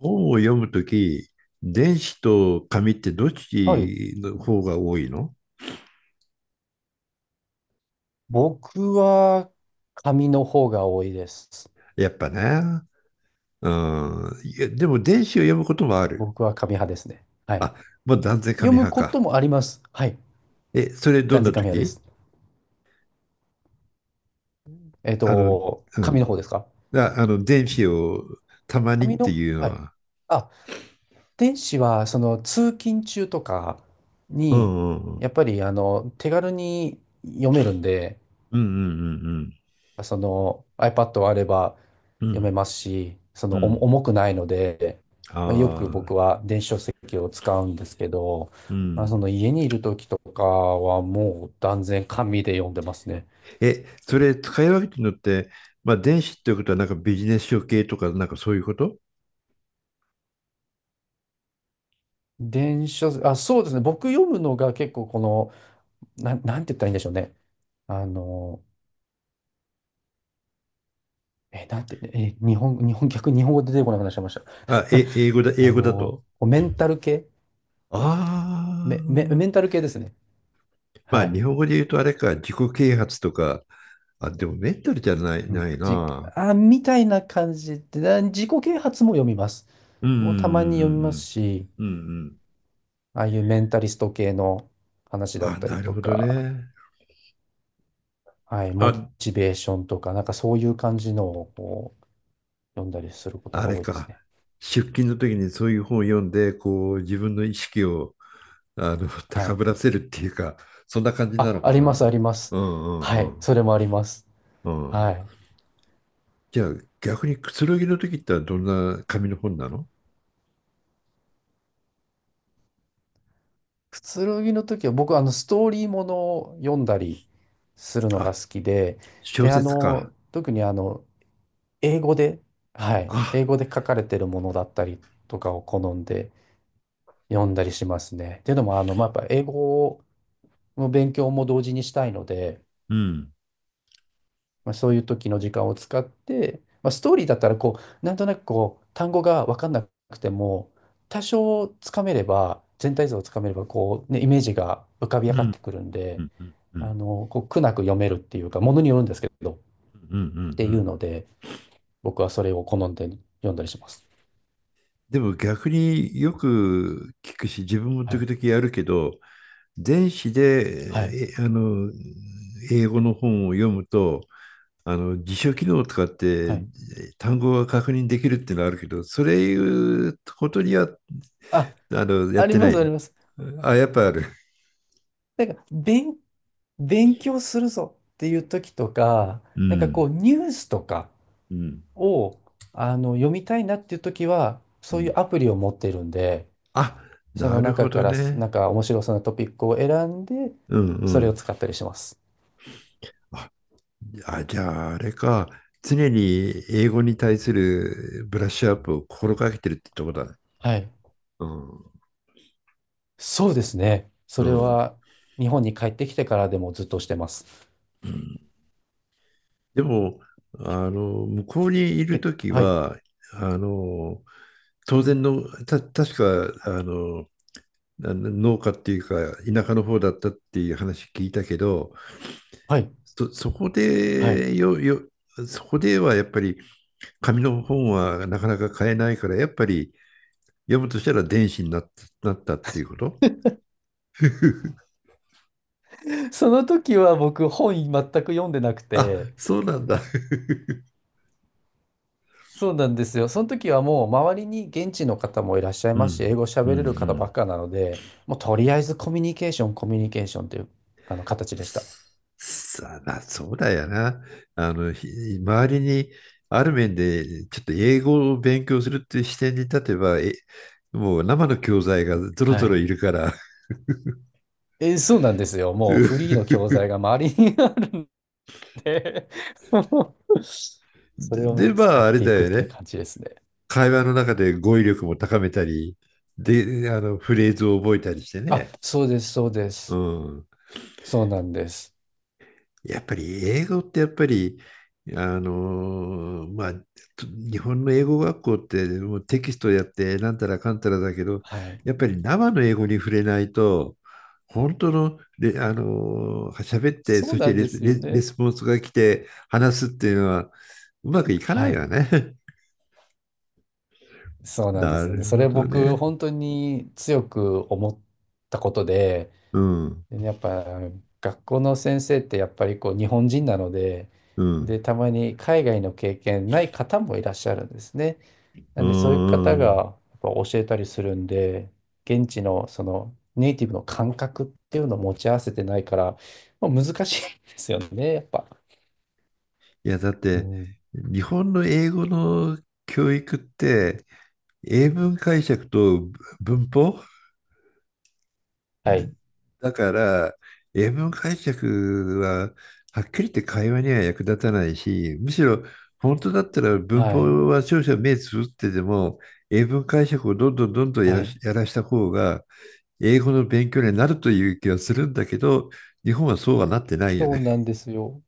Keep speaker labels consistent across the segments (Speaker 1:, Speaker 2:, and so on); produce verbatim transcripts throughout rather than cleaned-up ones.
Speaker 1: 本を読むとき、電子と紙ってどっ
Speaker 2: はい。
Speaker 1: ちの方が多いの？
Speaker 2: 僕は紙の方が多いです。
Speaker 1: やっぱね。うん。いや、でも電子を読むこともある。
Speaker 2: 僕は紙派ですね。はい。
Speaker 1: あ、もう断然
Speaker 2: 読
Speaker 1: 紙
Speaker 2: む
Speaker 1: 派
Speaker 2: こと
Speaker 1: か。
Speaker 2: もあります。はい。
Speaker 1: え、それどん
Speaker 2: 断然
Speaker 1: な
Speaker 2: 紙
Speaker 1: と
Speaker 2: 派で
Speaker 1: き？
Speaker 2: す。えっ
Speaker 1: あの、
Speaker 2: と、
Speaker 1: う
Speaker 2: 紙の
Speaker 1: ん。
Speaker 2: 方ですか
Speaker 1: あ、あの、電子をたまにっ
Speaker 2: 紙
Speaker 1: て
Speaker 2: の、
Speaker 1: いうの
Speaker 2: はい。
Speaker 1: は？
Speaker 2: あ、電子は、その、通勤中とか
Speaker 1: う
Speaker 2: に、
Speaker 1: んうんうん。
Speaker 2: やっぱり、あの、手軽に読めるんで、
Speaker 1: うんうん
Speaker 2: その iPad があれば
Speaker 1: うんう
Speaker 2: 読め
Speaker 1: ん。
Speaker 2: ますし、そ
Speaker 1: う
Speaker 2: の
Speaker 1: んう
Speaker 2: 重
Speaker 1: ん。
Speaker 2: 重くないので、
Speaker 1: ああ、う
Speaker 2: まあ、よ
Speaker 1: ん
Speaker 2: く
Speaker 1: うん。ああ。
Speaker 2: 僕は電子書籍を使うんですけど、
Speaker 1: う
Speaker 2: まあ、そ
Speaker 1: ん。
Speaker 2: の家にいる時とかはもう断然紙で読んでますね。
Speaker 1: え、それ使い分けてるのって、まあ電子っていうことはなんかビジネス書系とかなんかそういうこと？
Speaker 2: 電子書籍、あ、そうですね。僕読むのが結構この、なん、なんて言ったらいいんでしょうね。あの、え、なんて、え、日本、日本、逆に日本語出てこなくなっちゃいました。
Speaker 1: あ、え、英語だ、英
Speaker 2: あ
Speaker 1: 語だ
Speaker 2: の、
Speaker 1: と。
Speaker 2: メンタル系メ、メ、
Speaker 1: あ
Speaker 2: メンタ
Speaker 1: あ。
Speaker 2: ル系ですね。
Speaker 1: ま
Speaker 2: は
Speaker 1: あ
Speaker 2: い。
Speaker 1: 日本語で言うとあれか、自己啓発とか、あ、でもメンタルじゃない、
Speaker 2: うん
Speaker 1: ない
Speaker 2: じ、
Speaker 1: な。
Speaker 2: あ、みたいな感じで、だ自己啓発も読みます。
Speaker 1: うんう
Speaker 2: もうたまに読みます
Speaker 1: ん
Speaker 2: し、
Speaker 1: うんうんうんうんうん。
Speaker 2: ああいうメンタリスト系の話だ
Speaker 1: あ、
Speaker 2: った
Speaker 1: な
Speaker 2: り
Speaker 1: る
Speaker 2: と
Speaker 1: ほど
Speaker 2: か、
Speaker 1: ね。
Speaker 2: はい、モ
Speaker 1: あ、
Speaker 2: チベーションとか、なんかそういう感じのをこう読んだりすること
Speaker 1: あ
Speaker 2: が
Speaker 1: れ
Speaker 2: 多いです
Speaker 1: か。
Speaker 2: ね。
Speaker 1: 出勤の時にそういう本を読んで、こう自分の意識をあの
Speaker 2: は
Speaker 1: 高
Speaker 2: い。
Speaker 1: ぶらせるっていうか、そんな感じな
Speaker 2: あ、
Speaker 1: の
Speaker 2: あ
Speaker 1: か
Speaker 2: ります、
Speaker 1: な。
Speaker 2: あります。
Speaker 1: う
Speaker 2: は
Speaker 1: んう
Speaker 2: い、
Speaker 1: ん
Speaker 2: それもあります。
Speaker 1: うん。うん。
Speaker 2: はい。
Speaker 1: じゃあ逆にくつろぎの時ってどんな紙の本なの？
Speaker 2: くつろぎの時は僕、あの、ストーリーものを読んだりするのが
Speaker 1: あ、
Speaker 2: 好きで、
Speaker 1: 小
Speaker 2: で、あ
Speaker 1: 説か。
Speaker 2: の、特にあの、英語で、はい、英
Speaker 1: あ、
Speaker 2: 語で書かれてるものだったりとかを好んで読んだりしますね。っていうのも、あの、まあ、やっぱ英語の勉強も同時にしたいので、
Speaker 1: うん。
Speaker 2: まあ、そういう時の時間を使って、まあ、ストーリーだったらこう、なんとなくこう、単語が分かんなくても、多少つかめれば、全体像をつかめれば、こう、ね、イメージが浮かび
Speaker 1: う
Speaker 2: 上がっ
Speaker 1: ん。
Speaker 2: てくるん
Speaker 1: う
Speaker 2: で、
Speaker 1: ん。うん。う
Speaker 2: あ
Speaker 1: ん。
Speaker 2: の、こう、苦なく読めるっていうか、ものによるんですけど、
Speaker 1: うん。う
Speaker 2: っていう
Speaker 1: ん。
Speaker 2: ので、僕はそれを好んで読んだりします。
Speaker 1: でも逆によく聞くし、自分も
Speaker 2: は
Speaker 1: 時
Speaker 2: い。
Speaker 1: 々やるけど、電子
Speaker 2: はい。
Speaker 1: で、えあの、英語の本を読むと、あの、辞書機能を使っ
Speaker 2: は
Speaker 1: て
Speaker 2: い。
Speaker 1: 単語が確認できるっていうのはあるけど、それいうことには、
Speaker 2: あ、
Speaker 1: あの、やっ
Speaker 2: あり
Speaker 1: てな
Speaker 2: ますあり
Speaker 1: い。
Speaker 2: ます。
Speaker 1: あ、やっぱある？
Speaker 2: なんか、勉、勉強するぞっていう時とか、
Speaker 1: う
Speaker 2: なんかこ
Speaker 1: ん。
Speaker 2: う、ニュースとか
Speaker 1: うん。
Speaker 2: を、あの、読みたいなっていう時は、
Speaker 1: う
Speaker 2: そういう
Speaker 1: ん。
Speaker 2: アプリを持ってるんで、
Speaker 1: あ、
Speaker 2: そ
Speaker 1: な
Speaker 2: の
Speaker 1: るほ
Speaker 2: 中か
Speaker 1: ど
Speaker 2: ら、な
Speaker 1: ね。
Speaker 2: んか面白そうなトピックを選んで、
Speaker 1: うんう
Speaker 2: それを
Speaker 1: ん。
Speaker 2: 使ったりします。
Speaker 1: あ、じゃあ、あれか。常に英語に対するブラッシュアップを心がけてるってとこだね。
Speaker 2: はい。
Speaker 1: うん。
Speaker 2: そうですね。
Speaker 1: う
Speaker 2: それ
Speaker 1: ん。
Speaker 2: は、日本に帰ってきてからでもずっとしてます。
Speaker 1: うん。でも、あの、向こうにいる
Speaker 2: え、
Speaker 1: とき
Speaker 2: はい、
Speaker 1: は、あの、当然の、た、確か、あの、あの農家っていうか、田舎の方だったっていう話聞いたけど、
Speaker 2: はい、
Speaker 1: そ、そこ
Speaker 2: はい。
Speaker 1: でよ、よ、そこではやっぱり紙の本はなかなか買えないから、やっぱり読むとしたら電子になっなったっていうこと
Speaker 2: その時は僕、本全く読んでなく
Speaker 1: あ、
Speaker 2: て、
Speaker 1: そうなんだ。
Speaker 2: そうなんですよ。その時はもう周りに現地の方もいらっしゃい
Speaker 1: う
Speaker 2: ますし、英
Speaker 1: ん。
Speaker 2: 語
Speaker 1: うんう
Speaker 2: 喋れる方ばっ
Speaker 1: ん。
Speaker 2: かなので、もうとりあえずコミュニケーション、コミュニケーションというあの形でした。
Speaker 1: さあ、そうだよな。あの、ひ周りにある面でちょっと英語を勉強するっていう視点に立てば、え、もう生の教材がぞろ
Speaker 2: は
Speaker 1: ぞろ
Speaker 2: い。
Speaker 1: いるから。
Speaker 2: えーそうなんですよ。もうフリーの教材 が周りにあるんでもう それをも
Speaker 1: で、
Speaker 2: う
Speaker 1: でま
Speaker 2: 使
Speaker 1: あ、
Speaker 2: っ
Speaker 1: あれ
Speaker 2: て
Speaker 1: だ
Speaker 2: いくっ
Speaker 1: よ
Speaker 2: て
Speaker 1: ね。
Speaker 2: 感じですね。
Speaker 1: 会話の中で語彙力も高めたり、で、あの、フレーズを覚えたりして
Speaker 2: あ、
Speaker 1: ね。
Speaker 2: そうです、そうで
Speaker 1: う
Speaker 2: す。
Speaker 1: ん。
Speaker 2: そうなんです。
Speaker 1: やっぱり英語ってやっぱり、あのーまあ、と日本の英語学校ってもうテキストやってなんたらかんたらだけど、
Speaker 2: はい。
Speaker 1: やっぱり生の英語に触れないと、本当のレ、れあのー喋って、
Speaker 2: そ
Speaker 1: そ
Speaker 2: う
Speaker 1: し
Speaker 2: な
Speaker 1: て
Speaker 2: ん
Speaker 1: レ
Speaker 2: で
Speaker 1: ス、
Speaker 2: すよ
Speaker 1: レレ
Speaker 2: ね。
Speaker 1: スポンスが来て話すっていうのはうまくいか
Speaker 2: は
Speaker 1: ない
Speaker 2: い。
Speaker 1: わね。
Speaker 2: そ うなんで
Speaker 1: な
Speaker 2: すよね。
Speaker 1: る
Speaker 2: そ
Speaker 1: ほ
Speaker 2: れ
Speaker 1: ど
Speaker 2: 僕、
Speaker 1: ね。
Speaker 2: 本当に強く思ったことで、
Speaker 1: うん、
Speaker 2: でね、やっぱ学校の先生ってやっぱりこう日本人なので、
Speaker 1: うん、
Speaker 2: で、たまに海外の経験ない方もいらっしゃるんですね。な
Speaker 1: う
Speaker 2: んでそういう方
Speaker 1: ん。う
Speaker 2: がや
Speaker 1: ん。
Speaker 2: っぱ教えたりするんで、現地のそのネイティブの感覚っていうのを持ち合わせてないから、まあ、難しいんですよね、やっぱ。
Speaker 1: いや、だっ
Speaker 2: う
Speaker 1: て、
Speaker 2: ん。
Speaker 1: 日本の英語の教育って、英文解釈と文法
Speaker 2: は
Speaker 1: で。
Speaker 2: い。
Speaker 1: だから、英文解釈ははっきり言って会話には役立たないし、むしろ本当だったら文
Speaker 2: はい。
Speaker 1: 法は少々目つぶってでも、英文解釈をどんどんどんどんや
Speaker 2: は
Speaker 1: ら
Speaker 2: い。
Speaker 1: し、やらした方が、英語の勉強になるという気がするんだけど、日本はそうはなってないよ
Speaker 2: そう
Speaker 1: ね。
Speaker 2: なんですよ。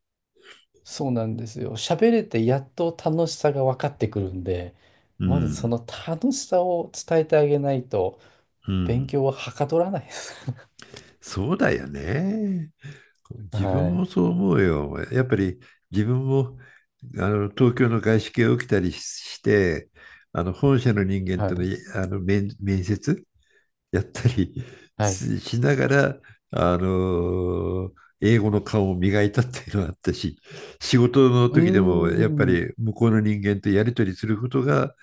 Speaker 2: そうなんですよ。喋れてやっと楽しさが分かってくるんで、
Speaker 1: う
Speaker 2: まずそ
Speaker 1: ん。
Speaker 2: の楽しさを伝えてあげないと、
Speaker 1: う
Speaker 2: 勉
Speaker 1: ん。
Speaker 2: 強ははかどらないです。
Speaker 1: そうだよね。自分
Speaker 2: はい。
Speaker 1: もそう思うよ。やっぱり自分もあの東京の外資系を受けたりして、あの本社の人間
Speaker 2: は
Speaker 1: との、
Speaker 2: い。
Speaker 1: あの面、面接やったり
Speaker 2: はい。
Speaker 1: ししながら、あの英語の顔を磨いたっていうのがあったし、仕事の
Speaker 2: う
Speaker 1: 時でもやっぱ
Speaker 2: ーん。
Speaker 1: り向こうの人間とやり取りすることが、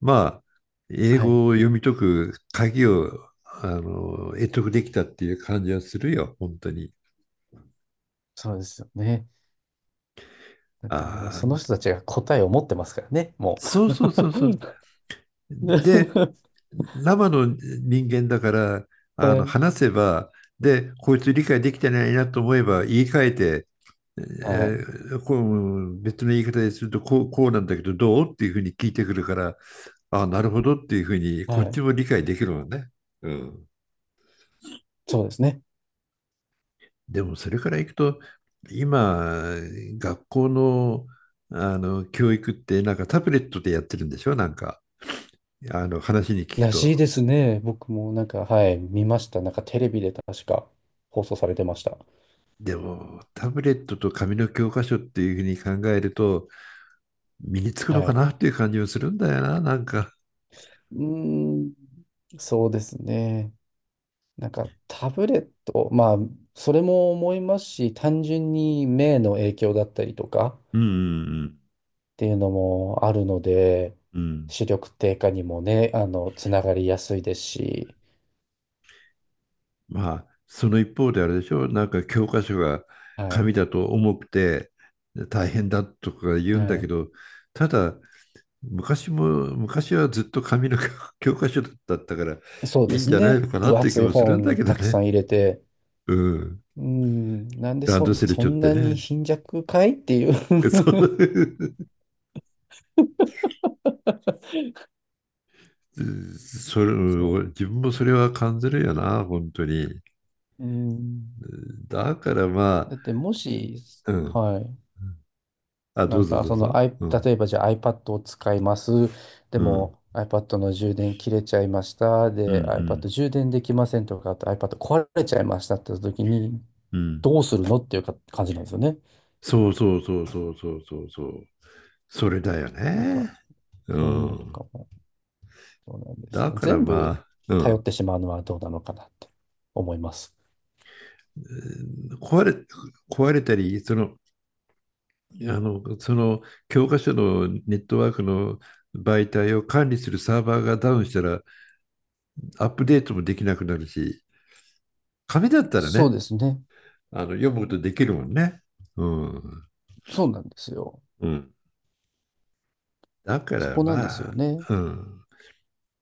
Speaker 1: まあ、英
Speaker 2: はい。
Speaker 1: 語を読み解く鍵を、あの、得得できたっていう感じはするよ、本当に。
Speaker 2: そうですよね。だってもう
Speaker 1: ああ、
Speaker 2: その人たちが答えを持ってますからね、も
Speaker 1: そうそうそうそう。で、
Speaker 2: う。
Speaker 1: 生の人間だから、あ
Speaker 2: は
Speaker 1: の
Speaker 2: い。
Speaker 1: 話せば、で、こいつ理解できてないなと思えば言い換えて、え
Speaker 2: はい。
Speaker 1: ーこう別の言い方でするとこう、こうなんだけどどうっていうふうに聞いてくるから、あ、なるほどっていうふうにこ
Speaker 2: は
Speaker 1: っち
Speaker 2: い。
Speaker 1: も理解できるわね。うん、
Speaker 2: そうですね。
Speaker 1: でもそれからいくと、今、学校の、あの教育ってなんかタブレットでやってるんでしょなんか、あの話に聞く
Speaker 2: ら
Speaker 1: と。
Speaker 2: しいですね。僕もなんか、はい、見ました。なんかテレビで確か放送されてました。
Speaker 1: でも、タブレットと紙の教科書っていうふうに考えると、身につくの
Speaker 2: は
Speaker 1: か
Speaker 2: い。
Speaker 1: なっていう感じもするんだよな、なんか。
Speaker 2: うーん、そうですね。なんかタブレット、まあ、それも思いますし、単純に目の影響だったりとか、
Speaker 1: うんうん
Speaker 2: っていうのもあるので、
Speaker 1: うんうん。
Speaker 2: 視力低下にもね、あの、つながりやすいですし、
Speaker 1: まあ、その一方であれでしょ、なんか教科書が
Speaker 2: は
Speaker 1: 紙
Speaker 2: い、
Speaker 1: だと重くて大変だとか言うんだ
Speaker 2: は
Speaker 1: け
Speaker 2: い。
Speaker 1: ど、ただ、昔も、昔はずっと紙の 教科書だったから、い
Speaker 2: そう
Speaker 1: い
Speaker 2: で
Speaker 1: ん
Speaker 2: す
Speaker 1: じゃない
Speaker 2: ね。
Speaker 1: のかなっ
Speaker 2: 分
Speaker 1: ていう気
Speaker 2: 厚い
Speaker 1: もするんだ
Speaker 2: 本
Speaker 1: けど
Speaker 2: たくさ
Speaker 1: ね。
Speaker 2: ん入れて、
Speaker 1: うん。
Speaker 2: うん、なんで
Speaker 1: ラン
Speaker 2: そ、
Speaker 1: ドセルし
Speaker 2: そ
Speaker 1: ょっ
Speaker 2: ん
Speaker 1: て
Speaker 2: なに
Speaker 1: ね。
Speaker 2: 貧弱かいっていう
Speaker 1: そ う。うん。それ、
Speaker 2: そ
Speaker 1: 自分もそれは感じるよな、本当に。うん。
Speaker 2: う。うん。
Speaker 1: だからまあ、
Speaker 2: だってもし、
Speaker 1: うん。
Speaker 2: はい。
Speaker 1: あ、
Speaker 2: な
Speaker 1: どう
Speaker 2: ん
Speaker 1: ぞ
Speaker 2: か、
Speaker 1: どう
Speaker 2: そ
Speaker 1: ぞ。
Speaker 2: の、アイ
Speaker 1: うん。
Speaker 2: 例えばじゃあ iPad を使います。で
Speaker 1: うん。
Speaker 2: も iPad の充電切れちゃいました。
Speaker 1: うん。う
Speaker 2: で、
Speaker 1: ん。
Speaker 2: iPad 充電できませんとか、あと iPad 壊れちゃいましたって時に、
Speaker 1: うん。
Speaker 2: どうするのっていうか感じなんですよね。
Speaker 1: そうそうそうそうそうそうそう。それだよ
Speaker 2: なんか、
Speaker 1: ね。う
Speaker 2: そういうのと
Speaker 1: ん。
Speaker 2: かも、そうなんです
Speaker 1: だ
Speaker 2: よ。
Speaker 1: から
Speaker 2: 全
Speaker 1: ま
Speaker 2: 部
Speaker 1: あ、う
Speaker 2: 頼っ
Speaker 1: ん。
Speaker 2: てしまうのはどうなのかなって思います。
Speaker 1: えー壊れ、壊れたり、その、あの、その教科書のネットワークの媒体を管理するサーバーがダウンしたらアッ
Speaker 2: う
Speaker 1: プデ
Speaker 2: ん
Speaker 1: ートもできなくなるし、紙だったら
Speaker 2: そう
Speaker 1: ね、
Speaker 2: ですね。
Speaker 1: あの読むことできるもんね。うん
Speaker 2: そうなんですよ。
Speaker 1: うん。だか
Speaker 2: そ
Speaker 1: ら
Speaker 2: こなんです
Speaker 1: ま
Speaker 2: よ
Speaker 1: あ、
Speaker 2: ね。
Speaker 1: うん。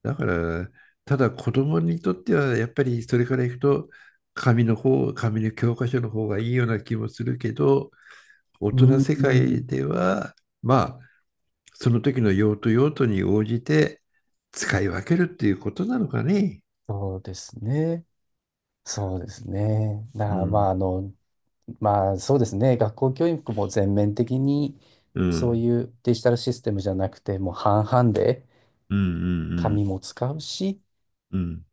Speaker 1: だから、ただ子供にとってはやっぱりそれからいくと、紙の方、紙の教科書の方がいいような気もするけど、大
Speaker 2: う
Speaker 1: 人
Speaker 2: ー
Speaker 1: 世
Speaker 2: ん、
Speaker 1: 界では、まあ、その時の用途用途に応じて使い分けるっていうことなのかね。
Speaker 2: そうですね。そうですね。だか
Speaker 1: う
Speaker 2: らまあ、
Speaker 1: ん。
Speaker 2: あの、まあそうですね、学校教育も全面的に
Speaker 1: う
Speaker 2: そう
Speaker 1: ん。
Speaker 2: いうデジタルシステムじゃなくて、もう半々で
Speaker 1: うんうんうん。
Speaker 2: 紙も使うし、
Speaker 1: うん。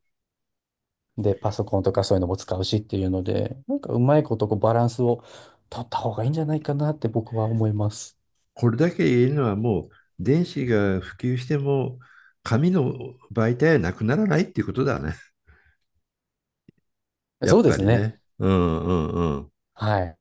Speaker 2: で、パソコンとかそういうのも使うしっていうので、なんかうまいことこうバランスを取った方がいいんじゃないかなって僕は思います。
Speaker 1: これだけ言えるのはもう電子が普及しても紙の媒体はなくならないっていうことだね。や
Speaker 2: そ
Speaker 1: っ
Speaker 2: うで
Speaker 1: ぱ
Speaker 2: す
Speaker 1: り
Speaker 2: ね。
Speaker 1: ね。うんうんうん。
Speaker 2: はい。